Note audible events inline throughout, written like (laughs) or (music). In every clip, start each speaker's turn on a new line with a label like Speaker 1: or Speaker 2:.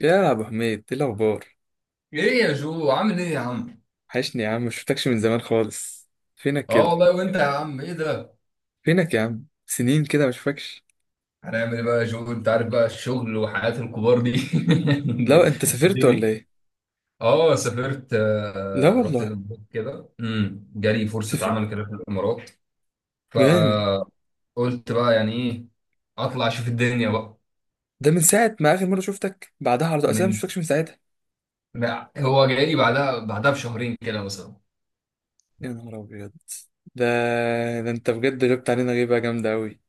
Speaker 1: يا ابو حميد ايه الاخبار؟
Speaker 2: ايه يا جو، عامل ايه يا عم؟
Speaker 1: وحشني يا عم، مش شفتكش من زمان خالص. فينك
Speaker 2: اه
Speaker 1: كده؟
Speaker 2: والله، وانت يا عم؟ ايه ده؟
Speaker 1: فينك يا عم؟ سنين كده مش فاكش.
Speaker 2: هنعمل ايه بقى يا جو؟ انت عارف بقى الشغل وحياة الكبار دي
Speaker 1: لا انت
Speaker 2: (laughs)
Speaker 1: سافرت ولا
Speaker 2: الدنيا.
Speaker 1: ايه؟
Speaker 2: اه سافرت،
Speaker 1: لا
Speaker 2: رحت
Speaker 1: والله
Speaker 2: الامارات كده، جالي فرصة
Speaker 1: سافرت.
Speaker 2: عمل كده في الامارات.
Speaker 1: جامد.
Speaker 2: فقلت بقى يعني ايه، اطلع اشوف الدنيا بقى.
Speaker 1: ده من ساعه ما اخر مره شفتك بعدها على طول اصلا
Speaker 2: من
Speaker 1: مش شفتكش من ساعتها.
Speaker 2: هو جاي لي بعدها بشهرين كده مثلا.
Speaker 1: يا نهار ابيض. ده ده انت بجد جبت علينا غيبه جامده قوي.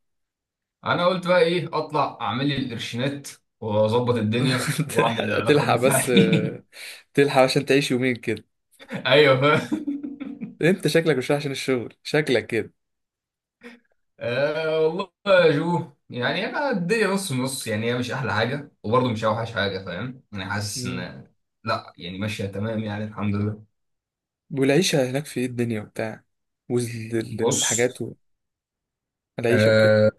Speaker 2: انا قلت بقى ايه، اطلع اعمل لي القرشينات واظبط الدنيا
Speaker 1: (laughs)
Speaker 2: واعمل العلاقات
Speaker 1: تلحق بس،
Speaker 2: بتاعتي.
Speaker 1: تلحق عشان تعيش يومين كده.
Speaker 2: (laughs) ايوه، فاهم.
Speaker 1: انت شكلك مش رايح عشان الشغل، شكلك كده.
Speaker 2: أه والله. يا جو يعني انا الدنيا نص نص، يعني هي مش احلى حاجه وبرضه مش اوحش حاجه، فاهم؟ انا حاسس
Speaker 1: مم.
Speaker 2: ان، لا يعني ماشيه تمام، يعني الحمد لله.
Speaker 1: والعيشه هناك في ايه؟ الدنيا وبتاع
Speaker 2: بص.
Speaker 1: والحاجات، العيشة وكده.
Speaker 2: أه.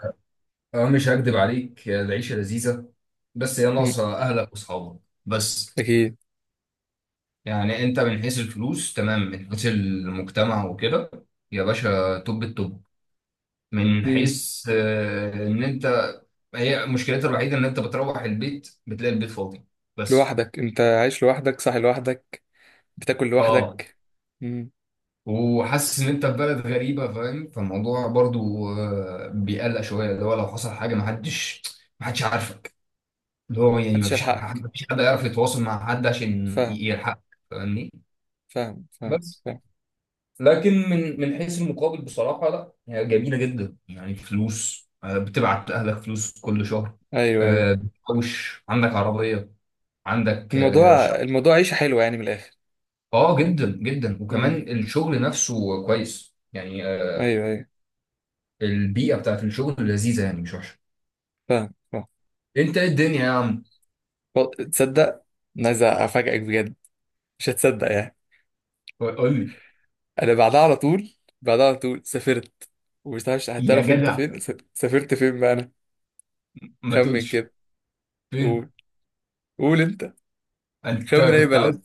Speaker 2: أه مش هكدب عليك، العيشه لذيذه، بس هي
Speaker 1: مم.
Speaker 2: ناقصه اهلك واصحابك. بس
Speaker 1: أكيد.
Speaker 2: يعني انت من حيث الفلوس تمام، من حيث المجتمع وكده يا باشا، توب التوب. من
Speaker 1: مم.
Speaker 2: حيث ان انت، هي مشكلتها الوحيده ان انت بتروح البيت بتلاقي البيت فاضي. بس.
Speaker 1: لوحدك، أنت عايش لوحدك، صاحي لوحدك، بتاكل
Speaker 2: اه.
Speaker 1: لوحدك. مم.
Speaker 2: وحاسس ان انت في بلد غريبه، فاهم؟ فالموضوع برضو بيقلق شويه، اللي هو لو حصل حاجه ما حدش عارفك، اللي هو يعني ما
Speaker 1: محدش
Speaker 2: فيش
Speaker 1: يلحقك.
Speaker 2: ما فيش حد يعرف يتواصل مع حد عشان
Speaker 1: فاهم،
Speaker 2: يلحقك. فاهمني؟
Speaker 1: فاهم، فاهم،
Speaker 2: بس.
Speaker 1: فاهم.
Speaker 2: لكن من حيث المقابل بصراحه لا، هي جميله جدا. يعني فلوس بتبعت لاهلك فلوس كل شهر،
Speaker 1: أيوه أيوه.
Speaker 2: بتحوش، عندك عربيه، عندك
Speaker 1: الموضوع،
Speaker 2: شقه.
Speaker 1: الموضوع عيشة حلوة يعني من الآخر.
Speaker 2: اه جدا جدا.
Speaker 1: مم.
Speaker 2: وكمان الشغل نفسه كويس يعني
Speaker 1: أيوه أيوه.
Speaker 2: البيئه بتاعت الشغل لذيذه يعني، مش وحشه.
Speaker 1: فاهم فاهم.
Speaker 2: انت ايه الدنيا يا عم؟
Speaker 1: تصدق، أنا عايز أفاجئك بجد، مش هتصدق يعني.
Speaker 2: قول لي.
Speaker 1: أنا بعدها على طول، بعدها على طول سافرت. ومش عارف
Speaker 2: يا
Speaker 1: هتعرف أنت
Speaker 2: جدع،
Speaker 1: فين سافرت فين بقى أنا.
Speaker 2: ما
Speaker 1: خمن
Speaker 2: تقولش.
Speaker 1: كده.
Speaker 2: فين؟
Speaker 1: قول، قول أنت.
Speaker 2: انت
Speaker 1: خمن أي
Speaker 2: كنت عاوز
Speaker 1: بلد.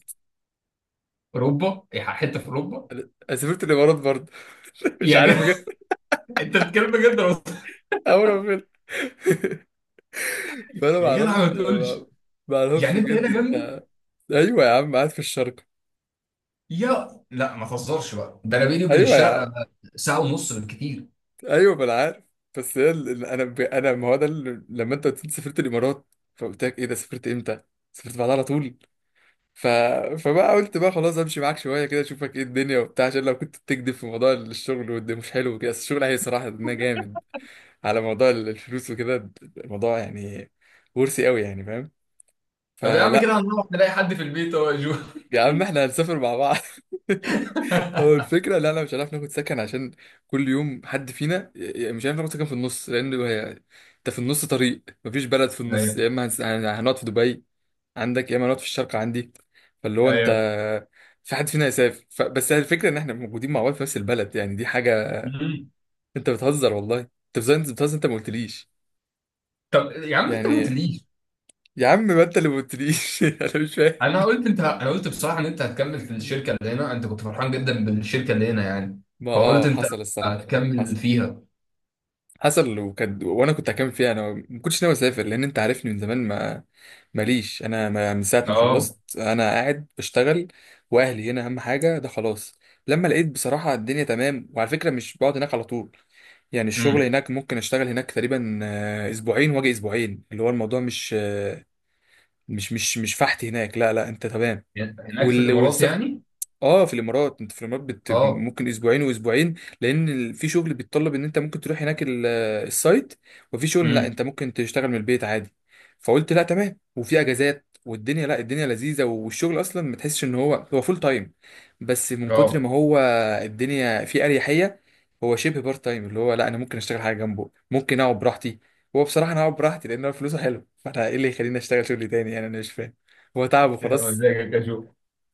Speaker 2: اوروبا؟ حته في اوروبا؟
Speaker 1: أنا سافرت الإمارات برضه. (laughs) مش
Speaker 2: يا
Speaker 1: عارف
Speaker 2: جدع.
Speaker 1: بجد.
Speaker 2: (laughs) انت بتتكلم بجد ولا بتهزر؟
Speaker 1: اول ما فيلم. (laughs) فانا ما
Speaker 2: يا جدع،
Speaker 1: اعرفش،
Speaker 2: ما
Speaker 1: ما
Speaker 2: تقولش.
Speaker 1: ما اعرفش
Speaker 2: يعني انت
Speaker 1: بجد
Speaker 2: هنا جنبي؟
Speaker 1: انت. ايوه يا عم، قاعد في الشرق.
Speaker 2: يا لا، ما تهزرش بقى، ده انا بيني وبين
Speaker 1: ايوه يا عم.
Speaker 2: الشرق ساعه ونص بالكتير.
Speaker 1: ايوه ما انا عارف. بس هي انا انا، ما هو ده لما انت قلت لي سافرت الامارات، فقلت لك ايه ده؟ سافرت امتى؟ سافرت بعدها على طول. ف... فبقى قلت بقى خلاص امشي معاك شويه كده اشوفك ايه الدنيا وبتاع، عشان لو كنت بتكذب في موضوع الشغل وده مش حلو وكده، بس الشغل هي صراحه ده جامد. على موضوع الفلوس وكده. الموضوع يعني ورثي قوي يعني، فاهم؟
Speaker 2: طب يا عم
Speaker 1: فلا،
Speaker 2: كده هنروح نلاقي حد في البيت، هو يا جو.
Speaker 1: يا عم احنا هنسافر مع بعض. (laughs) هو
Speaker 2: (laughs)
Speaker 1: الفكرة، لا لا، مش هنعرف ناخد سكن عشان كل يوم حد فينا مش هنعرف ناخد سكن في النص، لأن هي، أنت في النص طريق مفيش بلد في النص، يا
Speaker 2: ايوه.
Speaker 1: إما هنقعد في دبي عندك، يا إما هنقعد في الشارقة عندي. فاللي هو أنت،
Speaker 2: ايوه.
Speaker 1: في حد فينا هيسافر بس هي الفكرة إن إحنا موجودين مع بعض في نفس البلد، يعني دي حاجة.
Speaker 2: مم.
Speaker 1: أنت بتهزر والله، أنت بتهزر، أنت بتهزر، أنت ما قلتليش.
Speaker 2: طب يا عم انت ما
Speaker 1: يعني
Speaker 2: قلتليش.
Speaker 1: يا عم، ما أنت اللي ما قلتليش. (laughs) أنا مش فاهم.
Speaker 2: انا قلت بصراحه ان انت هتكمل في الشركه اللي هنا، انت كنت فرحان جدا بالشركه اللي هنا يعني.
Speaker 1: ما
Speaker 2: فقلت
Speaker 1: آه
Speaker 2: انت
Speaker 1: حصل الصراحة.
Speaker 2: هتكمل
Speaker 1: حصل.
Speaker 2: فيها.
Speaker 1: حصل وكان، وانا كنت هكمل فيها، انا ما كنتش ناوي اسافر، لان انت عارفني من زمان، ما ماليش انا، ما من ساعه ما
Speaker 2: اه.
Speaker 1: خلصت انا قاعد بشتغل. واهلي هنا اهم حاجه، ده خلاص. لما لقيت بصراحه الدنيا تمام، وعلى فكره مش بقعد هناك على طول، يعني الشغل
Speaker 2: امم.
Speaker 1: هناك ممكن اشتغل هناك تقريبا اسبوعين واجي اسبوعين، اللي هو الموضوع مش فحت هناك، لا لا انت تمام.
Speaker 2: هناك في الامارات
Speaker 1: والسفر،
Speaker 2: يعني.
Speaker 1: اه في الامارات، انت في الامارات
Speaker 2: اه.
Speaker 1: ممكن اسبوعين واسبوعين، لان في شغل بيتطلب ان انت ممكن تروح هناك السايت، وفي شغل لا انت
Speaker 2: امم.
Speaker 1: ممكن تشتغل من البيت عادي. فقلت لا تمام، وفي اجازات والدنيا، لا الدنيا لذيذه، والشغل اصلا ما تحسش ان هو فول تايم، بس من كتر
Speaker 2: اه.
Speaker 1: ما هو الدنيا فيه اريحيه، هو شبه بارت تايم، اللي هو لا انا ممكن اشتغل حاجه جنبه، ممكن اقعد براحتي. هو بصراحه انا اقعد براحتي لان هو فلوسه حلو. (laughs) فانا ايه اللي يخليني اشتغل شغل تاني يعني؟ انا مش فاهم. هو تعب
Speaker 2: يا عم
Speaker 1: وخلاص،
Speaker 2: ازيك يا شو؟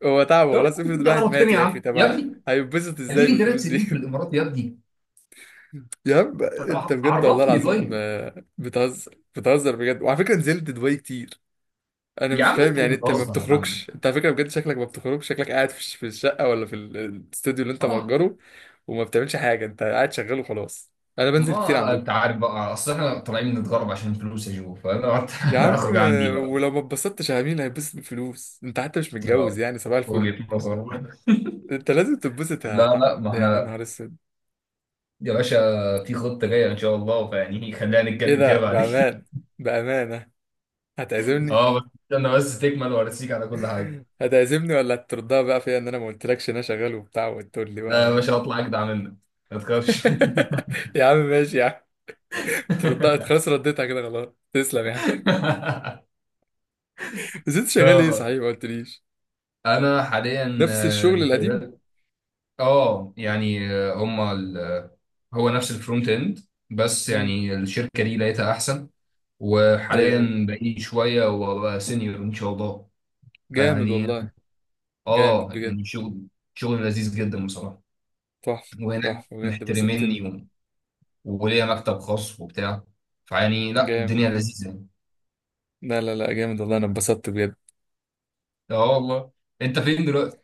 Speaker 1: هو تعبه
Speaker 2: طب
Speaker 1: خلاص،
Speaker 2: يعني
Speaker 1: افرض
Speaker 2: كنت
Speaker 1: الواحد مات
Speaker 2: عرفتني يا
Speaker 1: يا اخي.
Speaker 2: عم يا
Speaker 1: طب
Speaker 2: ابني.
Speaker 1: هيتبسط ازاي
Speaker 2: اديني ثلاث
Speaker 1: بالفلوس دي؟
Speaker 2: سنين في
Speaker 1: (laughs)
Speaker 2: الامارات يا ابني.
Speaker 1: يا عم انت
Speaker 2: طب
Speaker 1: بجد والله
Speaker 2: عرفني
Speaker 1: العظيم
Speaker 2: طيب.
Speaker 1: بتهزر، بتهزر بجد. وعلى فكره نزلت دبي كتير. انا
Speaker 2: يا
Speaker 1: مش
Speaker 2: عم انت
Speaker 1: فاهم يعني، انت ما
Speaker 2: بتهزر يا عم.
Speaker 1: بتخرجش، انت على فكره بجد شكلك ما بتخرجش، شكلك قاعد في في الشقه، ولا في الاستوديو اللي انت
Speaker 2: اه.
Speaker 1: مأجره، وما بتعملش حاجه، انت قاعد شغال وخلاص. انا بنزل كتير
Speaker 2: ما
Speaker 1: عندكم.
Speaker 2: انت عارف بقى، اصل احنا طالعين نتغرب عشان فلوس يا جو، فانا قعدت
Speaker 1: يا
Speaker 2: (laughs)
Speaker 1: عم
Speaker 2: اخرج عندي بقى.
Speaker 1: ولو ما اتبسطتش يا مين هيتبسط بالفلوس؟ انت حتى مش متجوز
Speaker 2: آه.
Speaker 1: يعني، صباح الفل.
Speaker 2: وجهة نظر.
Speaker 1: انت لازم تتبسط يا
Speaker 2: لا
Speaker 1: محمد
Speaker 2: لا، ما
Speaker 1: يعني، يا
Speaker 2: احنا
Speaker 1: نهار اسود.
Speaker 2: يا باشا في خطة جاية ان شاء الله، فيعني خلينا
Speaker 1: ايه
Speaker 2: نتكلم فيها
Speaker 1: ده
Speaker 2: بعدين. (laughs)
Speaker 1: بامان؟ بأمانة هتعزمني؟
Speaker 2: اه بس. استنى بس تكمل وارسيك على كل حاجة.
Speaker 1: هتعزمني ولا هتردها بقى فيا ان انا ما قلتلكش ان انا شغال وبتاع، وتقول لي
Speaker 2: لا يا
Speaker 1: بقى
Speaker 2: باشا،
Speaker 1: إيه؟
Speaker 2: اطلع اجدع منك، ما تخافش.
Speaker 1: (laughs) يا عم ماشي يا عم، تردها خلاص، رديتها كده خلاص. تسلم يا عم.
Speaker 2: (laughs)
Speaker 1: بس انت شغال ايه
Speaker 2: اه.
Speaker 1: صحيح؟ ما قلتليش.
Speaker 2: انا حاليا
Speaker 1: نفس الشغل القديم.
Speaker 2: شغال. اه يعني هما هو نفس الفرونت اند، بس
Speaker 1: امم.
Speaker 2: يعني الشركة دي لقيتها احسن.
Speaker 1: ايوه ايوه،
Speaker 2: وحاليا بقيت شوية وابقى سينيور ان شاء الله.
Speaker 1: جامد
Speaker 2: فيعني
Speaker 1: والله.
Speaker 2: اه
Speaker 1: جامد بجد،
Speaker 2: يعني شغل، شغل لذيذ جدا بصراحة.
Speaker 1: تحفه
Speaker 2: وهناك
Speaker 1: تحفه بجد،
Speaker 2: محترميني
Speaker 1: بسطتني.
Speaker 2: وليا مكتب خاص وبتاع. فيعني لا،
Speaker 1: جامد.
Speaker 2: الدنيا لذيذة يعني.
Speaker 1: لا لا لا جامد والله، انا اتبسطت بجد.
Speaker 2: اه والله. انت فين دلوقتي؟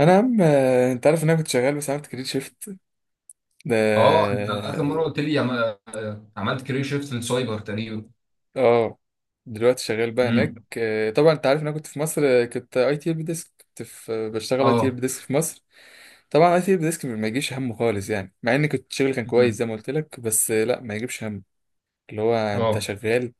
Speaker 1: انا يا عم انت عارف ان انا كنت شغال، بس عملت كارير شيفت. ده،
Speaker 2: اه انت اخر مرة قلت لي، عم... آه، عملت كارير شيفت للسايبر تقريبا.
Speaker 1: اه. دلوقتي شغال بقى
Speaker 2: امم.
Speaker 1: هناك، طبعا انت عارف ان انا كنت في مصر، كنت اي تي ال ديسك، كنت في بشتغل اي تي ال
Speaker 2: اه.
Speaker 1: ديسك في مصر. طبعا اي تي ال ديسك ما يجيش همه خالص يعني، مع ان كنت شغل كان كويس
Speaker 2: امم.
Speaker 1: زي ما قلت لك، بس لا ما يجيبش هم. اللي هو انت
Speaker 2: اه.
Speaker 1: شغال،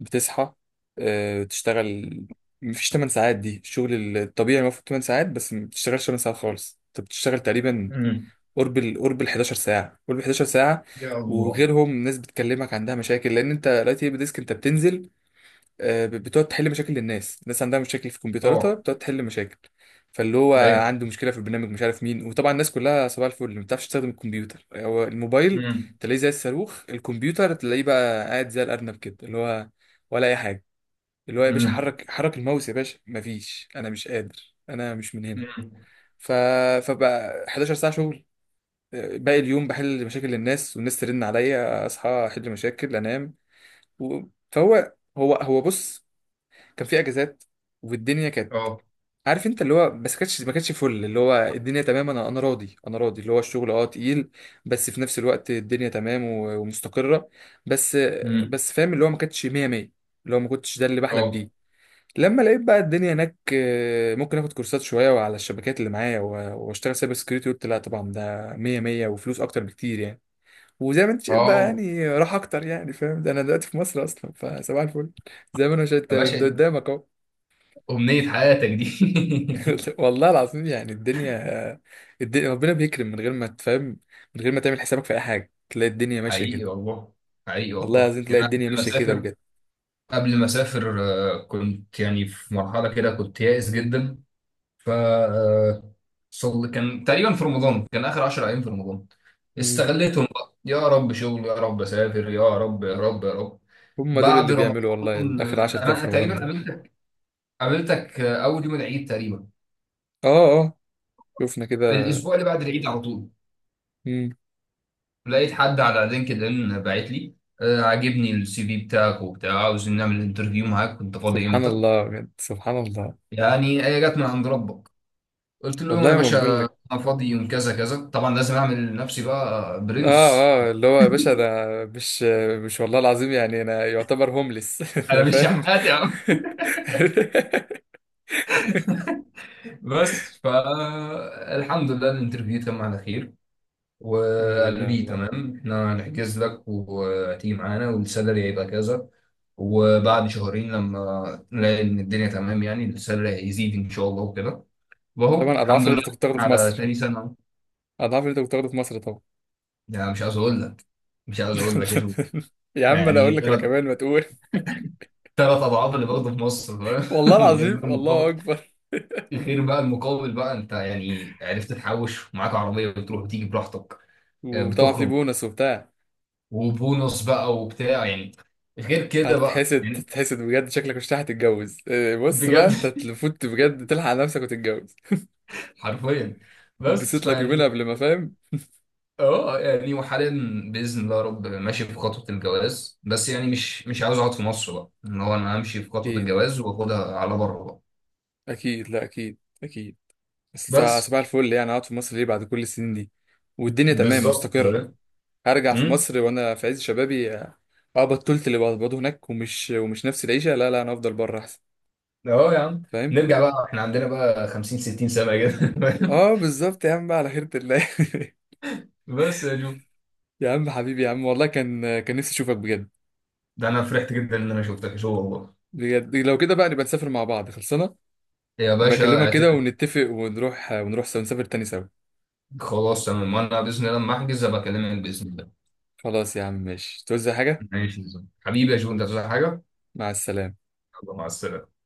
Speaker 1: بتصحى، تشتغل، مفيش 8 ساعات دي الشغل الطبيعي، المفروض 8 ساعات، بس ما بتشتغلش 8 ساعات خالص، انت بتشتغل تقريبا
Speaker 2: امم.
Speaker 1: قرب ال 11 ساعة، قرب ال 11 ساعة.
Speaker 2: يا الله.
Speaker 1: وغيرهم ناس بتكلمك عندها مشاكل، لان انت دلوقتي بديسك، انت بتنزل، بتقعد تحل مشاكل للناس، الناس عندها مشاكل في كمبيوتراتها،
Speaker 2: طبعا.
Speaker 1: بتقعد تحل مشاكل. فاللي هو
Speaker 2: ايوه.
Speaker 1: عنده مشكله في البرنامج مش عارف مين، وطبعا الناس كلها صباح الفل ما بتعرفش تستخدم الكمبيوتر، هو الموبايل
Speaker 2: امم.
Speaker 1: تلاقيه زي الصاروخ، الكمبيوتر تلاقيه بقى قاعد زي الارنب كده، اللي هو ولا اي حاجه، اللي هو يا باشا
Speaker 2: امم.
Speaker 1: حرك حرك الماوس يا باشا، مفيش انا مش قادر انا مش من هنا.
Speaker 2: امم.
Speaker 1: ف... فبقى 11 ساعه شغل، باقي اليوم بحل مشاكل الناس، والناس ترن عليا اصحى احل مشاكل انام. و... فهو هو هو بص، كان في اجازات والدنيا كانت،
Speaker 2: اه.
Speaker 1: عارف انت اللي هو، بس كانتش ما كانتش فل. اللي هو الدنيا تمام، انا راضي، انا راضي، اللي هو الشغل اه تقيل، بس في نفس الوقت الدنيا تمام ومستقرة. بس،
Speaker 2: امم.
Speaker 1: بس فاهم اللي هو ما كانتش 100 100، اللي هو ما كنتش ده اللي بحلم
Speaker 2: اه.
Speaker 1: بيه. لما لقيت بقى الدنيا هناك ممكن اخد كورسات شوية على الشبكات اللي معايا واشتغل سايبر سكيورتي، قلت لا طبعا ده 100 100، وفلوس اكتر بكتير يعني. وزي ما انت شايف بقى
Speaker 2: اه
Speaker 1: يعني راح اكتر يعني، فاهم؟ ده انا دلوقتي في مصر اصلا، فصباح الفل زي ما انا شايف
Speaker 2: يا
Speaker 1: ده
Speaker 2: باشا،
Speaker 1: قدامك.
Speaker 2: أمنية حياتك دي.
Speaker 1: (laughs)
Speaker 2: (laughs)
Speaker 1: والله العظيم يعني الدنيا، الدنيا ربنا بيكرم من غير ما تفهم، من غير ما تعمل حسابك في اي حاجه تلاقي الدنيا ماشيه كده.
Speaker 2: حقيقي والله. حقيقي
Speaker 1: والله
Speaker 2: والله.
Speaker 1: العظيم
Speaker 2: يعني
Speaker 1: تلاقي
Speaker 2: أنا
Speaker 1: الدنيا
Speaker 2: كنت
Speaker 1: ماشيه كده
Speaker 2: مسافر
Speaker 1: بجد.
Speaker 2: قبل ما اسافر، كنت يعني في مرحله كده كنت يائس جدا. ف آه، صل كان تقريبا في رمضان، كان اخر 10 ايام في رمضان،
Speaker 1: امم.
Speaker 2: استغليتهم بقى، يا رب شغل، يا رب اسافر، يا رب يا رب يا رب.
Speaker 1: هم دول اللي
Speaker 2: بعد
Speaker 1: بيعملوا والله،
Speaker 2: رمضان
Speaker 1: اخر 10 ايام في
Speaker 2: انا
Speaker 1: رمضان
Speaker 2: تقريبا
Speaker 1: ده.
Speaker 2: قابلتك، قابلتك اول يوم العيد تقريبا.
Speaker 1: اه. اه شفنا كده.
Speaker 2: الاسبوع اللي بعد العيد على طول
Speaker 1: امم.
Speaker 2: لقيت حد على لينكد ان باعت لي، عاجبني السي في بتاعك وبتاع، عاوز نعمل انترفيو معاك، كنت فاضي
Speaker 1: سبحان
Speaker 2: امتى؟
Speaker 1: الله بجد، سبحان الله.
Speaker 2: يعني هي جت من عند ربك. قلت لهم يا
Speaker 1: والله ما بقول
Speaker 2: باشا
Speaker 1: لك.
Speaker 2: انا فاضي يوم كذا كذا، طبعا لازم اعمل لنفسي بقى
Speaker 1: اه.
Speaker 2: برنس،
Speaker 1: اه اللي هو يا باشا انا مش، مش والله العظيم يعني انا يعتبر هوملس. (laughs) انا
Speaker 2: انا مش
Speaker 1: فاهم.
Speaker 2: شحات يا عم.
Speaker 1: (laughs)
Speaker 2: بس فالحمد لله الانترفيو تم على خير،
Speaker 1: الحمد
Speaker 2: وقالوا
Speaker 1: لله
Speaker 2: لي
Speaker 1: والله.
Speaker 2: تمام، احنا هنحجز لك وهتيجي معانا، والسالري هيبقى كذا، وبعد شهرين لما نلاقي ان الدنيا تمام يعني السالري هيزيد ان شاء الله وكده. واهو
Speaker 1: طبعا اضعاف
Speaker 2: الحمد
Speaker 1: اللي
Speaker 2: لله.
Speaker 1: انت كنت بتاخده في
Speaker 2: على
Speaker 1: مصر،
Speaker 2: تاني سنه.
Speaker 1: اضعاف اللي انت كنت بتاخده في مصر.
Speaker 2: يعني مش عايز اقول لك، مش عايز اقول لك يا شو.
Speaker 1: (laughs) يا عم انا اقول
Speaker 2: يعني
Speaker 1: لك انا
Speaker 2: ثلاث،
Speaker 1: كمان، ما تقول. (laughs)
Speaker 2: 3 اضعاف اللي باخده في مصر
Speaker 1: والله
Speaker 2: فاهم. (laughs) من غير
Speaker 1: العظيم،
Speaker 2: ما
Speaker 1: الله
Speaker 2: نتفق.
Speaker 1: اكبر.
Speaker 2: غير بقى المقابل بقى، انت يعني عرفت تحوش ومعاك عربيه بتروح وتيجي براحتك،
Speaker 1: وطبعا في
Speaker 2: بتخرج،
Speaker 1: بونص وبتاع.
Speaker 2: وبونص بقى وبتاع يعني، غير كده بقى
Speaker 1: هتتحسد،
Speaker 2: يعني.
Speaker 1: تتحسد بجد، شكلك مش هتتجوز. إيه، بص بقى
Speaker 2: بجد.
Speaker 1: انت تفوت بجد تلحق نفسك وتتجوز،
Speaker 2: (laughs) حرفيا. بس
Speaker 1: اتبسط لك يومين
Speaker 2: فيعني
Speaker 1: قبل ما، فاهم؟
Speaker 2: اه يعني وحاليا، باذن الله يا رب ماشي في خطوه الجواز، بس يعني مش عاوز اقعد في مصر بقى، ان هو انا امشي في خطوه
Speaker 1: اكيد
Speaker 2: الجواز واخدها على بره بقى.
Speaker 1: اكيد، لا اكيد اكيد. بس صباح،
Speaker 2: بس.
Speaker 1: صباح الفل يعني، اقعد في مصر ليه بعد كل السنين دي والدنيا تمام
Speaker 2: بالظبط.
Speaker 1: مستقرة؟ هرجع في
Speaker 2: امم.
Speaker 1: مصر وانا في عز شبابي؟ اه. بطلت اللي بقبضه هناك ومش نفس العيشة. لا لا انا افضل بره احسن،
Speaker 2: اه يا عم.
Speaker 1: فاهم.
Speaker 2: نرجع بقى احنا عندنا بقى 50 60 سنه كده.
Speaker 1: اه بالظبط يا عم، بقى على خيرة الله.
Speaker 2: (laughs) بس يا جو.
Speaker 1: (laughs) يا عم حبيبي يا عم، والله كان، كان نفسي اشوفك بجد.
Speaker 2: ده انا فرحت جدا ان انا شفتك شو والله.
Speaker 1: بجد لو كده بقى نبقى نسافر مع بعض خلصنا،
Speaker 2: يا
Speaker 1: نبقى
Speaker 2: باشا
Speaker 1: اكلمك كده
Speaker 2: اعتمد.
Speaker 1: ونتفق ونروح، ونروح سوا، نسافر تاني سوا.
Speaker 2: خلاص تمام، وانا باذن الله لما احجز ابقى اكلمك باذن الله.
Speaker 1: خلاص يا عم ماشي، توزع حاجة.
Speaker 2: ماشي يا زلمة. حبيبي يا جو انت عايز حاجه؟
Speaker 1: مع السلامة.
Speaker 2: يلا مع السلامه.